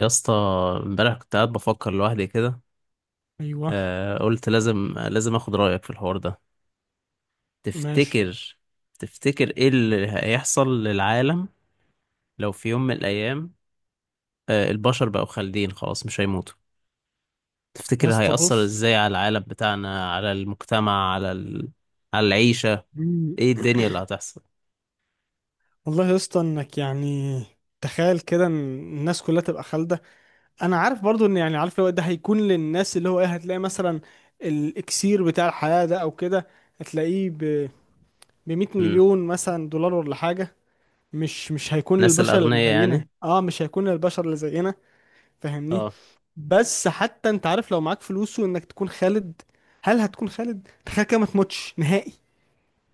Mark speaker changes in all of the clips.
Speaker 1: يا اسطى، امبارح كنت قاعد بفكر لوحدي كده.
Speaker 2: ايوه،
Speaker 1: قلت لازم لازم اخد رأيك في الحوار ده.
Speaker 2: ماشي
Speaker 1: تفتكر تفتكر ايه اللي هيحصل للعالم؟ لو في يوم من الايام البشر بقوا خالدين خلاص مش هيموتوا.
Speaker 2: يا
Speaker 1: تفتكر
Speaker 2: اسطى.
Speaker 1: هيأثر
Speaker 2: بص.
Speaker 1: ازاي على العالم بتاعنا، على المجتمع، على العيشة؟
Speaker 2: مم.
Speaker 1: ايه الدنيا اللي هتحصل؟
Speaker 2: والله يا اسطى، انك يعني تخيل كده ان الناس كلها تبقى خالده. انا عارف برضو ان يعني عارف، لو ده هيكون للناس، اللي هو ايه، هتلاقي مثلا الاكسير بتاع الحياه ده او كده، هتلاقيه ب 100
Speaker 1: امم.
Speaker 2: مليون مثلا دولار ولا حاجه. مش هيكون
Speaker 1: الناس
Speaker 2: للبشر
Speaker 1: الأغنياء
Speaker 2: اللي زينا.
Speaker 1: يعني؟
Speaker 2: اه، مش هيكون للبشر اللي زينا، فاهمني؟
Speaker 1: اه،
Speaker 2: بس حتى انت عارف، لو معاك فلوس وانك تكون خالد، هل هتكون خالد؟ تخيل كده ما تموتش نهائي.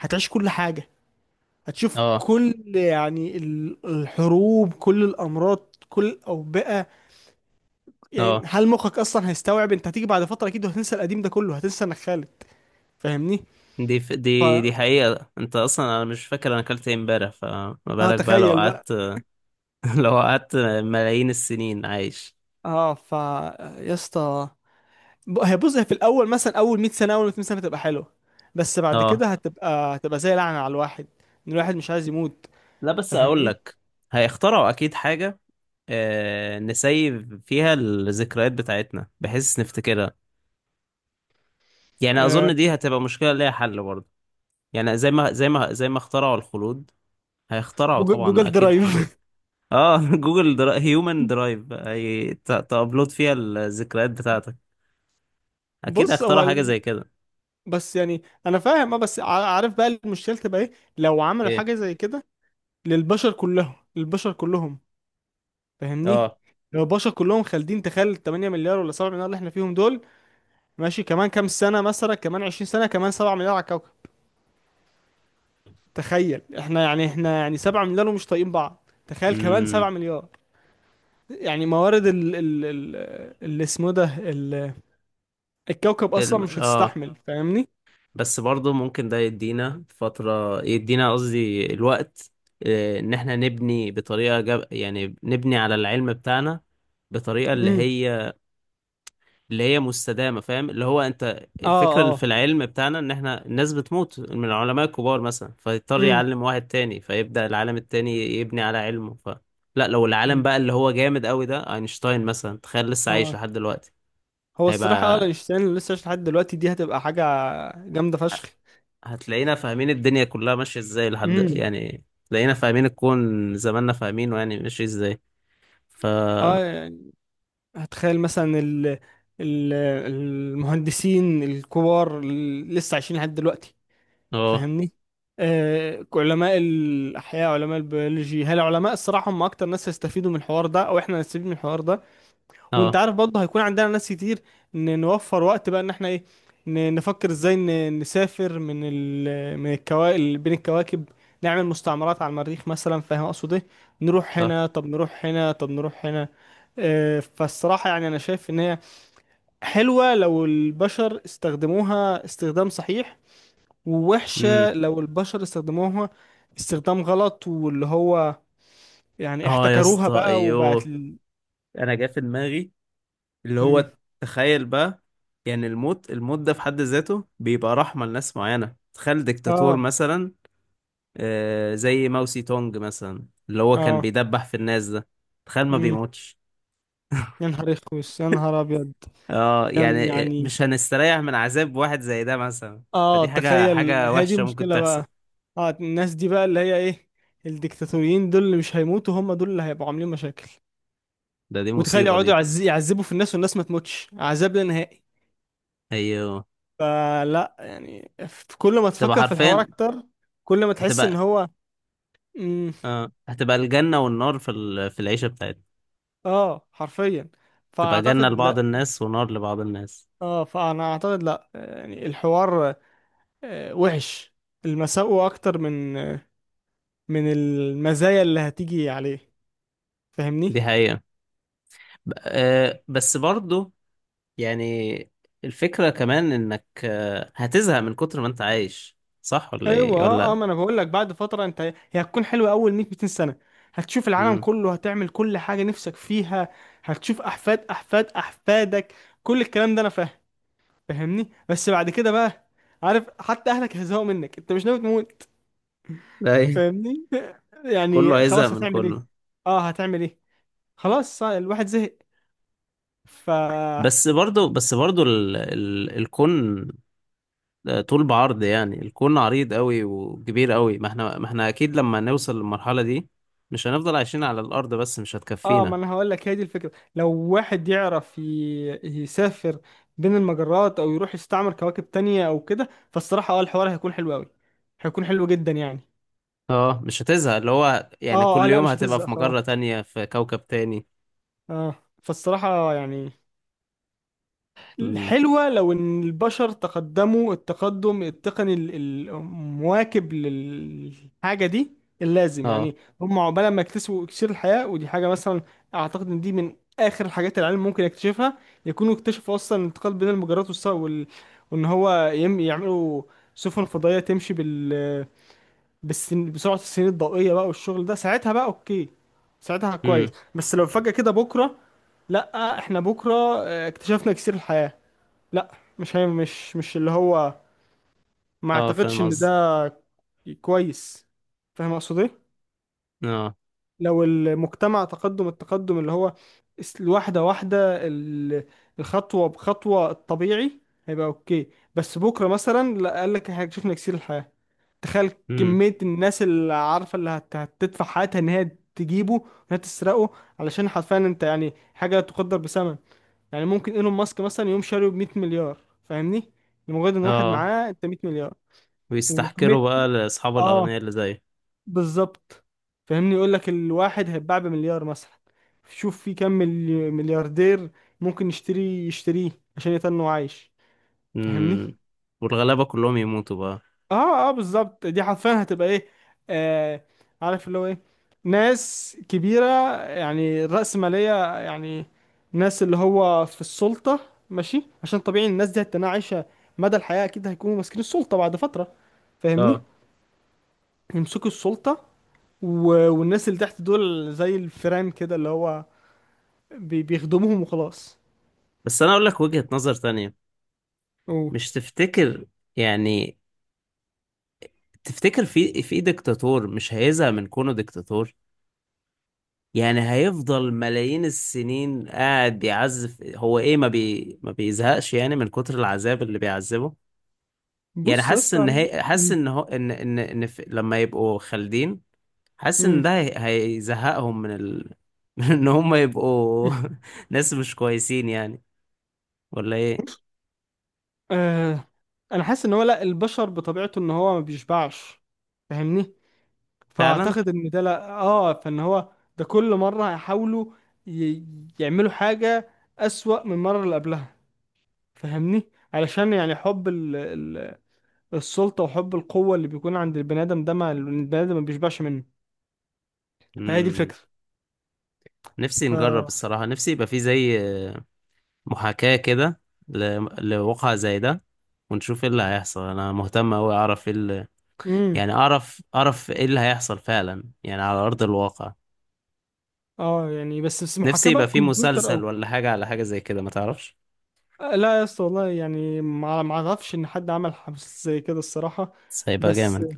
Speaker 2: هتعيش كل حاجه، هتشوف
Speaker 1: اه،
Speaker 2: كل يعني الحروب، كل الامراض، كل الاوبئه. يعني
Speaker 1: اه.
Speaker 2: هل مخك اصلا هيستوعب؟ انت هتيجي بعد فتره اكيد وهتنسى القديم ده كله، هتنسى انك خالد، فاهمني؟
Speaker 1: دي ف...
Speaker 2: ف
Speaker 1: دي دي حقيقة. انت اصلا انا مش فاكر انا اكلت ايه امبارح، فما
Speaker 2: اه
Speaker 1: بالك بقى لو
Speaker 2: تخيل بقى.
Speaker 1: قعدت، لو قعدت ملايين السنين عايش؟
Speaker 2: اه ف يا اسطى، هي بص، هي في الاول مثلا اول 100 سنه، اول 200 سنه، هتبقى حلوه. بس بعد
Speaker 1: اه،
Speaker 2: كده هتبقى، زي لعنه على الواحد، ان الواحد مش عايز يموت،
Speaker 1: لا بس اقول
Speaker 2: فاهمني؟
Speaker 1: لك، هيخترعوا اكيد حاجه. نسيف فيها الذكريات بتاعتنا بحيث نفتكرها. يعني
Speaker 2: آه.
Speaker 1: اظن دي هتبقى مشكله ليها حل برضه. يعني زي ما اخترعوا الخلود، هيخترعوا
Speaker 2: جوجل،
Speaker 1: طبعا
Speaker 2: جوجل
Speaker 1: اكيد
Speaker 2: درايف.
Speaker 1: حلول. اه. هيومن درايف تابلود فيها الذكريات بتاعتك. اكيد
Speaker 2: بص
Speaker 1: هيخترعوا
Speaker 2: هو،
Speaker 1: حاجه زي كده.
Speaker 2: بس يعني انا فاهم. اه بس عارف بقى المشكله تبقى ايه؟ لو عملوا
Speaker 1: ايه؟
Speaker 2: حاجه زي كده للبشر كلهم، للبشر كلهم، فاهمني؟
Speaker 1: اه.
Speaker 2: لو البشر كلهم خالدين، تخيل 8 مليار ولا 7 مليار اللي احنا فيهم دول. ماشي، كمان كام سنه، مثلا كمان 20 سنه، كمان 7 مليار على الكوكب. تخيل احنا يعني، احنا يعني 7 مليار ومش طايقين بعض، تخيل كمان 7
Speaker 1: امم.
Speaker 2: مليار. يعني موارد ال اللي اسمه ده الكوكب اصلا مش
Speaker 1: اه.
Speaker 2: هتستحمل، فاهمني؟
Speaker 1: بس برضه ممكن ده يدينا فترة، يدينا قصدي الوقت، ان احنا نبني يعني نبني على العلم بتاعنا، بطريقة اللي
Speaker 2: امم.
Speaker 1: هي اللي هي مستدامة. فاهم؟ اللي هو انت،
Speaker 2: اه،
Speaker 1: الفكرة اللي في
Speaker 2: اه.
Speaker 1: العلم بتاعنا ان احنا الناس بتموت من العلماء الكبار مثلا، فيضطر يعلم واحد تاني، فيبدأ العالم التاني يبني على علمه. لا، لو العالم
Speaker 2: امم.
Speaker 1: بقى اللي هو جامد قوي ده، اينشتاين مثلا، تخيل لسه عايش لحد دلوقتي.
Speaker 2: هو الصراحة، اه،
Speaker 1: هيبقى
Speaker 2: اينشتاين لسه عايش لحد دلوقتي، دي هتبقى حاجة جامدة فشخ.
Speaker 1: هتلاقينا فاهمين الدنيا كلها ماشية ازاي لحد
Speaker 2: امم.
Speaker 1: يعني، تلاقينا فاهمين الكون زماننا فاهمينه يعني ماشي ازاي. ف
Speaker 2: اه
Speaker 1: اه
Speaker 2: يعني هتخيل مثلا ال المهندسين الكبار اللي لسه عايشين لحد دلوقتي، فاهمني؟ آه، علماء الأحياء، علماء البيولوجي، هل علماء الصراحة هم أكتر ناس هيستفيدوا من الحوار ده، أو إحنا هنستفيد من الحوار ده. وانت
Speaker 1: اه،
Speaker 2: عارف برضه هيكون عندنا ناس كتير نوفر وقت بقى، ان احنا ايه، نفكر ازاي نسافر من من الكواكب، بين الكواكب، نعمل مستعمرات على المريخ مثلا، فاهم اقصد ايه؟ نروح
Speaker 1: صح.
Speaker 2: هنا، طب نروح هنا، طب نروح هنا. آه، فالصراحة يعني انا شايف ان هي حلوة لو البشر استخدموها استخدام صحيح،
Speaker 1: امم.
Speaker 2: ووحشة لو البشر استخدموها استخدام غلط، واللي هو يعني
Speaker 1: اه، يا
Speaker 2: احتكروها
Speaker 1: اسطى،
Speaker 2: بقى، وبقت
Speaker 1: ايوه.
Speaker 2: ال...
Speaker 1: انا جا في دماغي اللي
Speaker 2: مم.
Speaker 1: هو، تخيل بقى، يعني الموت ده في حد ذاته بيبقى رحمة لناس معينة، تخيل ديكتاتور
Speaker 2: اه،
Speaker 1: مثلا. زي ماوسي تونج مثلا اللي هو كان
Speaker 2: اه.
Speaker 1: بيدبح في الناس ده. تخيل ما
Speaker 2: مم.
Speaker 1: بيموتش.
Speaker 2: يا نهار يخوس، يا نهار ابيض.
Speaker 1: اه،
Speaker 2: يعني،
Speaker 1: يعني
Speaker 2: يعني
Speaker 1: مش هنستريح من عذاب واحد زي ده مثلا؟
Speaker 2: اه،
Speaker 1: فدي حاجة
Speaker 2: تخيل،
Speaker 1: حاجة
Speaker 2: هي دي
Speaker 1: وحشة ممكن
Speaker 2: مشكلة
Speaker 1: تحصل.
Speaker 2: بقى. اه، الناس دي بقى اللي هي ايه، الديكتاتوريين دول اللي مش هيموتوا، هم دول اللي هيبقوا عاملين مشاكل.
Speaker 1: دي
Speaker 2: وتخيل
Speaker 1: مصيبة
Speaker 2: يقعدوا
Speaker 1: دي.
Speaker 2: يعذبوا في الناس، والناس ما تموتش، عذاب لا نهائي.
Speaker 1: ايوه،
Speaker 2: فلا يعني، في كل ما
Speaker 1: تبقى
Speaker 2: تفكر في الحوار
Speaker 1: حرفيا.
Speaker 2: اكتر، كل ما تحس ان
Speaker 1: هتبقى
Speaker 2: هو. مم.
Speaker 1: هتبقى الجنة والنار في العيشة بتاعتنا.
Speaker 2: اه حرفيا.
Speaker 1: تبقى جنة
Speaker 2: فاعتقد
Speaker 1: لبعض
Speaker 2: لا،
Speaker 1: الناس ونار لبعض الناس.
Speaker 2: اه فانا اعتقد لا يعني الحوار، آه، وحش. المساوئ اكتر من، من المزايا اللي هتيجي عليه، فاهمني؟
Speaker 1: دي حقيقة. ب... آه بس برضو، يعني الفكرة كمان انك هتزهق من كتر ما انت عايش. صح ولا
Speaker 2: ايوه،
Speaker 1: ايه
Speaker 2: اه، اه،
Speaker 1: ولا؟
Speaker 2: ما انا بقول لك، بعد فتره انت هي هتكون حلوه اول 100، 200 سنه. هتشوف العالم
Speaker 1: امم.
Speaker 2: كله، هتعمل كل حاجه نفسك فيها، هتشوف احفاد احفاد احفادك، كل الكلام ده انا فاهم، فاهمني؟ بس بعد كده بقى، عارف حتى اهلك هيزهقوا منك، انت مش ناوي تموت،
Speaker 1: لا إيه.
Speaker 2: فاهمني؟
Speaker 1: كله
Speaker 2: يعني
Speaker 1: هيزهق
Speaker 2: خلاص،
Speaker 1: من
Speaker 2: هتعمل ايه؟
Speaker 1: كله.
Speaker 2: اه هتعمل ايه؟ خلاص الواحد زهق. ف
Speaker 1: بس برضو ال ال الكون ده طول بعرض، يعني الكون عريض قوي وكبير قوي، ما احنا اكيد لما نوصل للمرحلة دي، مش هنفضل عايشين على الارض بس، مش
Speaker 2: اه،
Speaker 1: هتكفينا.
Speaker 2: ما انا هقول لك، هي دي الفكره، لو واحد يعرف يسافر بين المجرات، او يروح يستعمر كواكب تانية او كده، فالصراحه اه الحوار هيكون حلو قوي، هيكون حلو جدا يعني.
Speaker 1: اه، مش هتزهق اللي هو يعني
Speaker 2: اه، اه،
Speaker 1: كل
Speaker 2: لا
Speaker 1: يوم
Speaker 2: مش
Speaker 1: هتبقى
Speaker 2: هتزهق
Speaker 1: في مجرة
Speaker 2: خلاص.
Speaker 1: تانية، في كوكب تاني.
Speaker 2: اه، فالصراحه يعني،
Speaker 1: امم.
Speaker 2: حلوة لو إن البشر تقدموا التقدم التقني المواكب للحاجة دي اللازم
Speaker 1: اه.
Speaker 2: يعني. هم عقبال ما يكتسبوا إكسير الحياة، ودي حاجة مثلا أعتقد إن دي من آخر الحاجات اللي العلم ممكن يكتشفها. يكونوا اكتشفوا أصلا الانتقال بين المجرات، وال... وإن هو يعملوا سفن فضائية تمشي بال... بسرعة السنين الضوئية بقى، والشغل ده ساعتها بقى أوكي، ساعتها كويس.
Speaker 1: امم.
Speaker 2: بس لو فجأة كده بكرة، لأ، إحنا بكرة آه، اكتشفنا إكسير الحياة، لا. مش هي مش مش اللي هو، ما
Speaker 1: اه،
Speaker 2: اعتقدش
Speaker 1: فاهم
Speaker 2: ان
Speaker 1: قصدي.
Speaker 2: ده كويس. فاهم اقصد ايه؟
Speaker 1: اه.
Speaker 2: لو المجتمع تقدم التقدم اللي هو واحده واحده الخطوه بخطوه الطبيعي، هيبقى اوكي. بس بكره مثلا لا قال لك احنا اكتشفنا كثير الحياه، تخيل
Speaker 1: امم.
Speaker 2: كميه الناس اللي عارفه، اللي هتدفع حياتها ان هي تجيبه، ان هي تسرقه، علشان حرفيا انت يعني حاجه لا تقدر بثمن. يعني ممكن ايلون ماسك مثلا يقوم شاريه ب 100 مليار، فاهمني؟ لمجرد ان واحد
Speaker 1: اه،
Speaker 2: معاه انت 100 مليار. وكمية،
Speaker 1: ويستحكروا بقى لاصحاب
Speaker 2: اه
Speaker 1: الاغنياء اللي زي.
Speaker 2: بالظبط، فاهمني. يقول لك الواحد هيتباع بمليار مثلا، شوف في كم ملياردير ممكن يشتري يشتريه عشان يتنه عايش، فاهمني؟
Speaker 1: امم. والغلابة كلهم يموتوا بقى.
Speaker 2: اه، اه، بالظبط، دي حرفيا هتبقى ايه، آه. عارف اللي هو ايه، ناس كبيرة يعني، رأسمالية يعني، ناس اللي هو في السلطة. ماشي عشان طبيعي الناس دي هتكون عايشة مدى الحياة، أكيد هيكونوا ماسكين السلطة بعد فترة، فاهمني؟
Speaker 1: اه،
Speaker 2: يمسكوا السلطة، و... والناس اللي تحت دول زي الفيران كده، اللي هو بيخدموهم وخلاص.
Speaker 1: بس انا اقول لك وجهة نظر تانية.
Speaker 2: أوه.
Speaker 1: مش تفتكر، يعني، تفتكر في ديكتاتور مش هيزهق من كونه ديكتاتور؟ يعني هيفضل ملايين السنين قاعد يعذب، هو ايه، ما بيزهقش يعني من كتر العذاب اللي بيعذبه؟ يعني
Speaker 2: بص يا اسطى،
Speaker 1: حاسس
Speaker 2: مم.
Speaker 1: ان هو، لما يبقوا خالدين، حاسس ان
Speaker 2: مم.
Speaker 1: ده هيزهقهم من ان هم يبقوا ناس مش كويسين يعني. ولا ايه؟
Speaker 2: آه. انا حاسس ان هو لا، البشر بطبيعته ان هو ما بيشبعش، فاهمني؟
Speaker 1: فعلا.
Speaker 2: فاعتقد ان ده لا، اه، فان هو ده كل مره هيحاولوا ي... يعملوا حاجه اسوأ من المره اللي قبلها، فاهمني؟ علشان يعني حب السلطه وحب القوه اللي بيكون عند البني ادم ده، ما البني ادم ما بيشبعش منه. فهي دي
Speaker 1: امم.
Speaker 2: الفكره.
Speaker 1: نفسي
Speaker 2: ف
Speaker 1: نجرب الصراحة، نفسي يبقى في زي محاكاة كده، لواقع زي ده، ونشوف ايه اللي هيحصل. انا مهتم اوي اعرف ايه اللي،
Speaker 2: امم،
Speaker 1: يعني اعرف ايه اللي هيحصل فعلا يعني على ارض الواقع.
Speaker 2: اه يعني، بس
Speaker 1: نفسي
Speaker 2: محاكاه بقى
Speaker 1: يبقى في
Speaker 2: بكمبيوتر
Speaker 1: مسلسل
Speaker 2: او.
Speaker 1: ولا حاجة، على حاجة زي كده، ما تعرفش.
Speaker 2: آه، لا يا اسطى والله، يعني ما اعرفش ان حد عمل حاجه زي كده الصراحه.
Speaker 1: بس هيبقى
Speaker 2: بس
Speaker 1: جامد.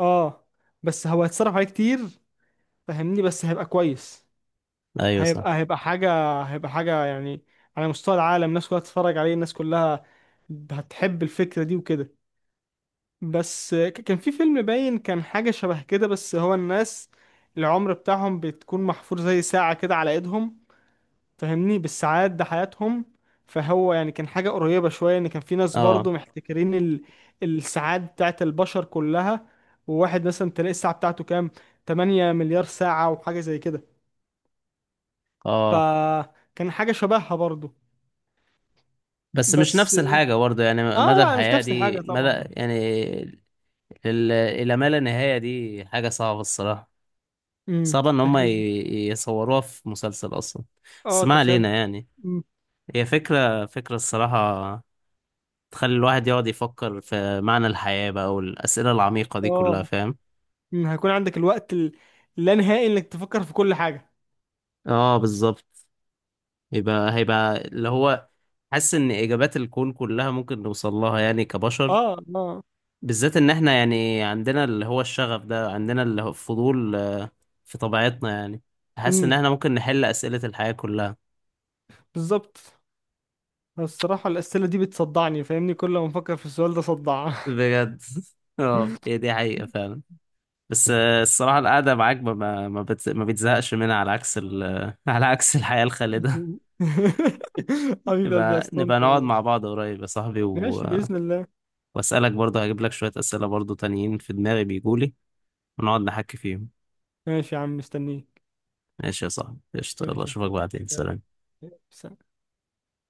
Speaker 2: اه، بس هو هيتصرف عليه كتير، فاهمني؟ بس هيبقى كويس،
Speaker 1: ايوه، صح.
Speaker 2: هيبقى، حاجة، هيبقى حاجة يعني، على مستوى العالم الناس كلها تتفرج عليه، الناس كلها هتحب الفكرة دي وكده. بس كان في فيلم باين، كان حاجة شبه كده، بس هو الناس العمر بتاعهم بتكون محفور زي ساعة كده على ايدهم، فاهمني؟ بالساعات ده حياتهم. فهو يعني كان حاجة قريبة شوية، ان كان في ناس
Speaker 1: اه،
Speaker 2: برضو محتكرين ال... الساعات بتاعت البشر كلها. وواحد مثلا تلاقي الساعة بتاعته كام، 8 مليار ساعة وحاجة زي كده.
Speaker 1: اه،
Speaker 2: فكان حاجة شبهها برضو.
Speaker 1: بس مش
Speaker 2: بس
Speaker 1: نفس الحاجة برضه، يعني
Speaker 2: اه،
Speaker 1: مدى
Speaker 2: لا مش
Speaker 1: الحياة
Speaker 2: نفس الحاجة
Speaker 1: دي مدى،
Speaker 2: طبعا.
Speaker 1: يعني الى ما لا نهاية دي حاجة صعبة الصراحة.
Speaker 2: امم،
Speaker 1: صعبة ان هم
Speaker 2: تخيل.
Speaker 1: يصوروها في مسلسل اصلا. بس
Speaker 2: اه
Speaker 1: ما
Speaker 2: تخيل.
Speaker 1: علينا يعني.
Speaker 2: مم.
Speaker 1: هي فكرة الصراحة تخلي الواحد يقعد يفكر في معنى الحياة بقى والأسئلة العميقة دي كلها.
Speaker 2: اه.
Speaker 1: فاهم؟
Speaker 2: مم. هيكون عندك الوقت اللا نهائي انك تفكر في كل حاجة.
Speaker 1: اه، بالظبط. هيبقى اللي هو، حاسس إن إجابات الكون كلها ممكن نوصل لها يعني كبشر،
Speaker 2: اه، اه.
Speaker 1: بالذات إن إحنا يعني عندنا اللي هو الشغف ده، عندنا اللي هو الفضول، في طبيعتنا يعني. حاسس إن
Speaker 2: امم،
Speaker 1: إحنا ممكن نحل أسئلة الحياة كلها.
Speaker 2: بالظبط. الصراحة الأسئلة دي بتصدعني، فاهمني؟ كل ما أفكر في السؤال ده صدع.
Speaker 1: بجد. اه، هي دي حقيقة فعلا. بس الصراحة القعدة معاك ما بتزهقش منها، على عكس على عكس الحياة الخالدة.
Speaker 2: حبيب قلبي يا
Speaker 1: نبقى
Speaker 2: اسطنت
Speaker 1: نقعد مع
Speaker 2: والله.
Speaker 1: بعض قريب يا صاحبي،
Speaker 2: ماشي بإذن الله.
Speaker 1: وأسألك برضه، هجيب لك شوية أسئلة برضه تانيين في دماغي بيجولي، ونقعد نحكي فيهم.
Speaker 2: ماشي يا عم، مستنيك.
Speaker 1: ماشي يا صاحبي، قشطة، يلا
Speaker 2: ماشي يا
Speaker 1: أشوفك
Speaker 2: أخوي.
Speaker 1: بعدين،
Speaker 2: سلام.
Speaker 1: سلام.
Speaker 2: سلام.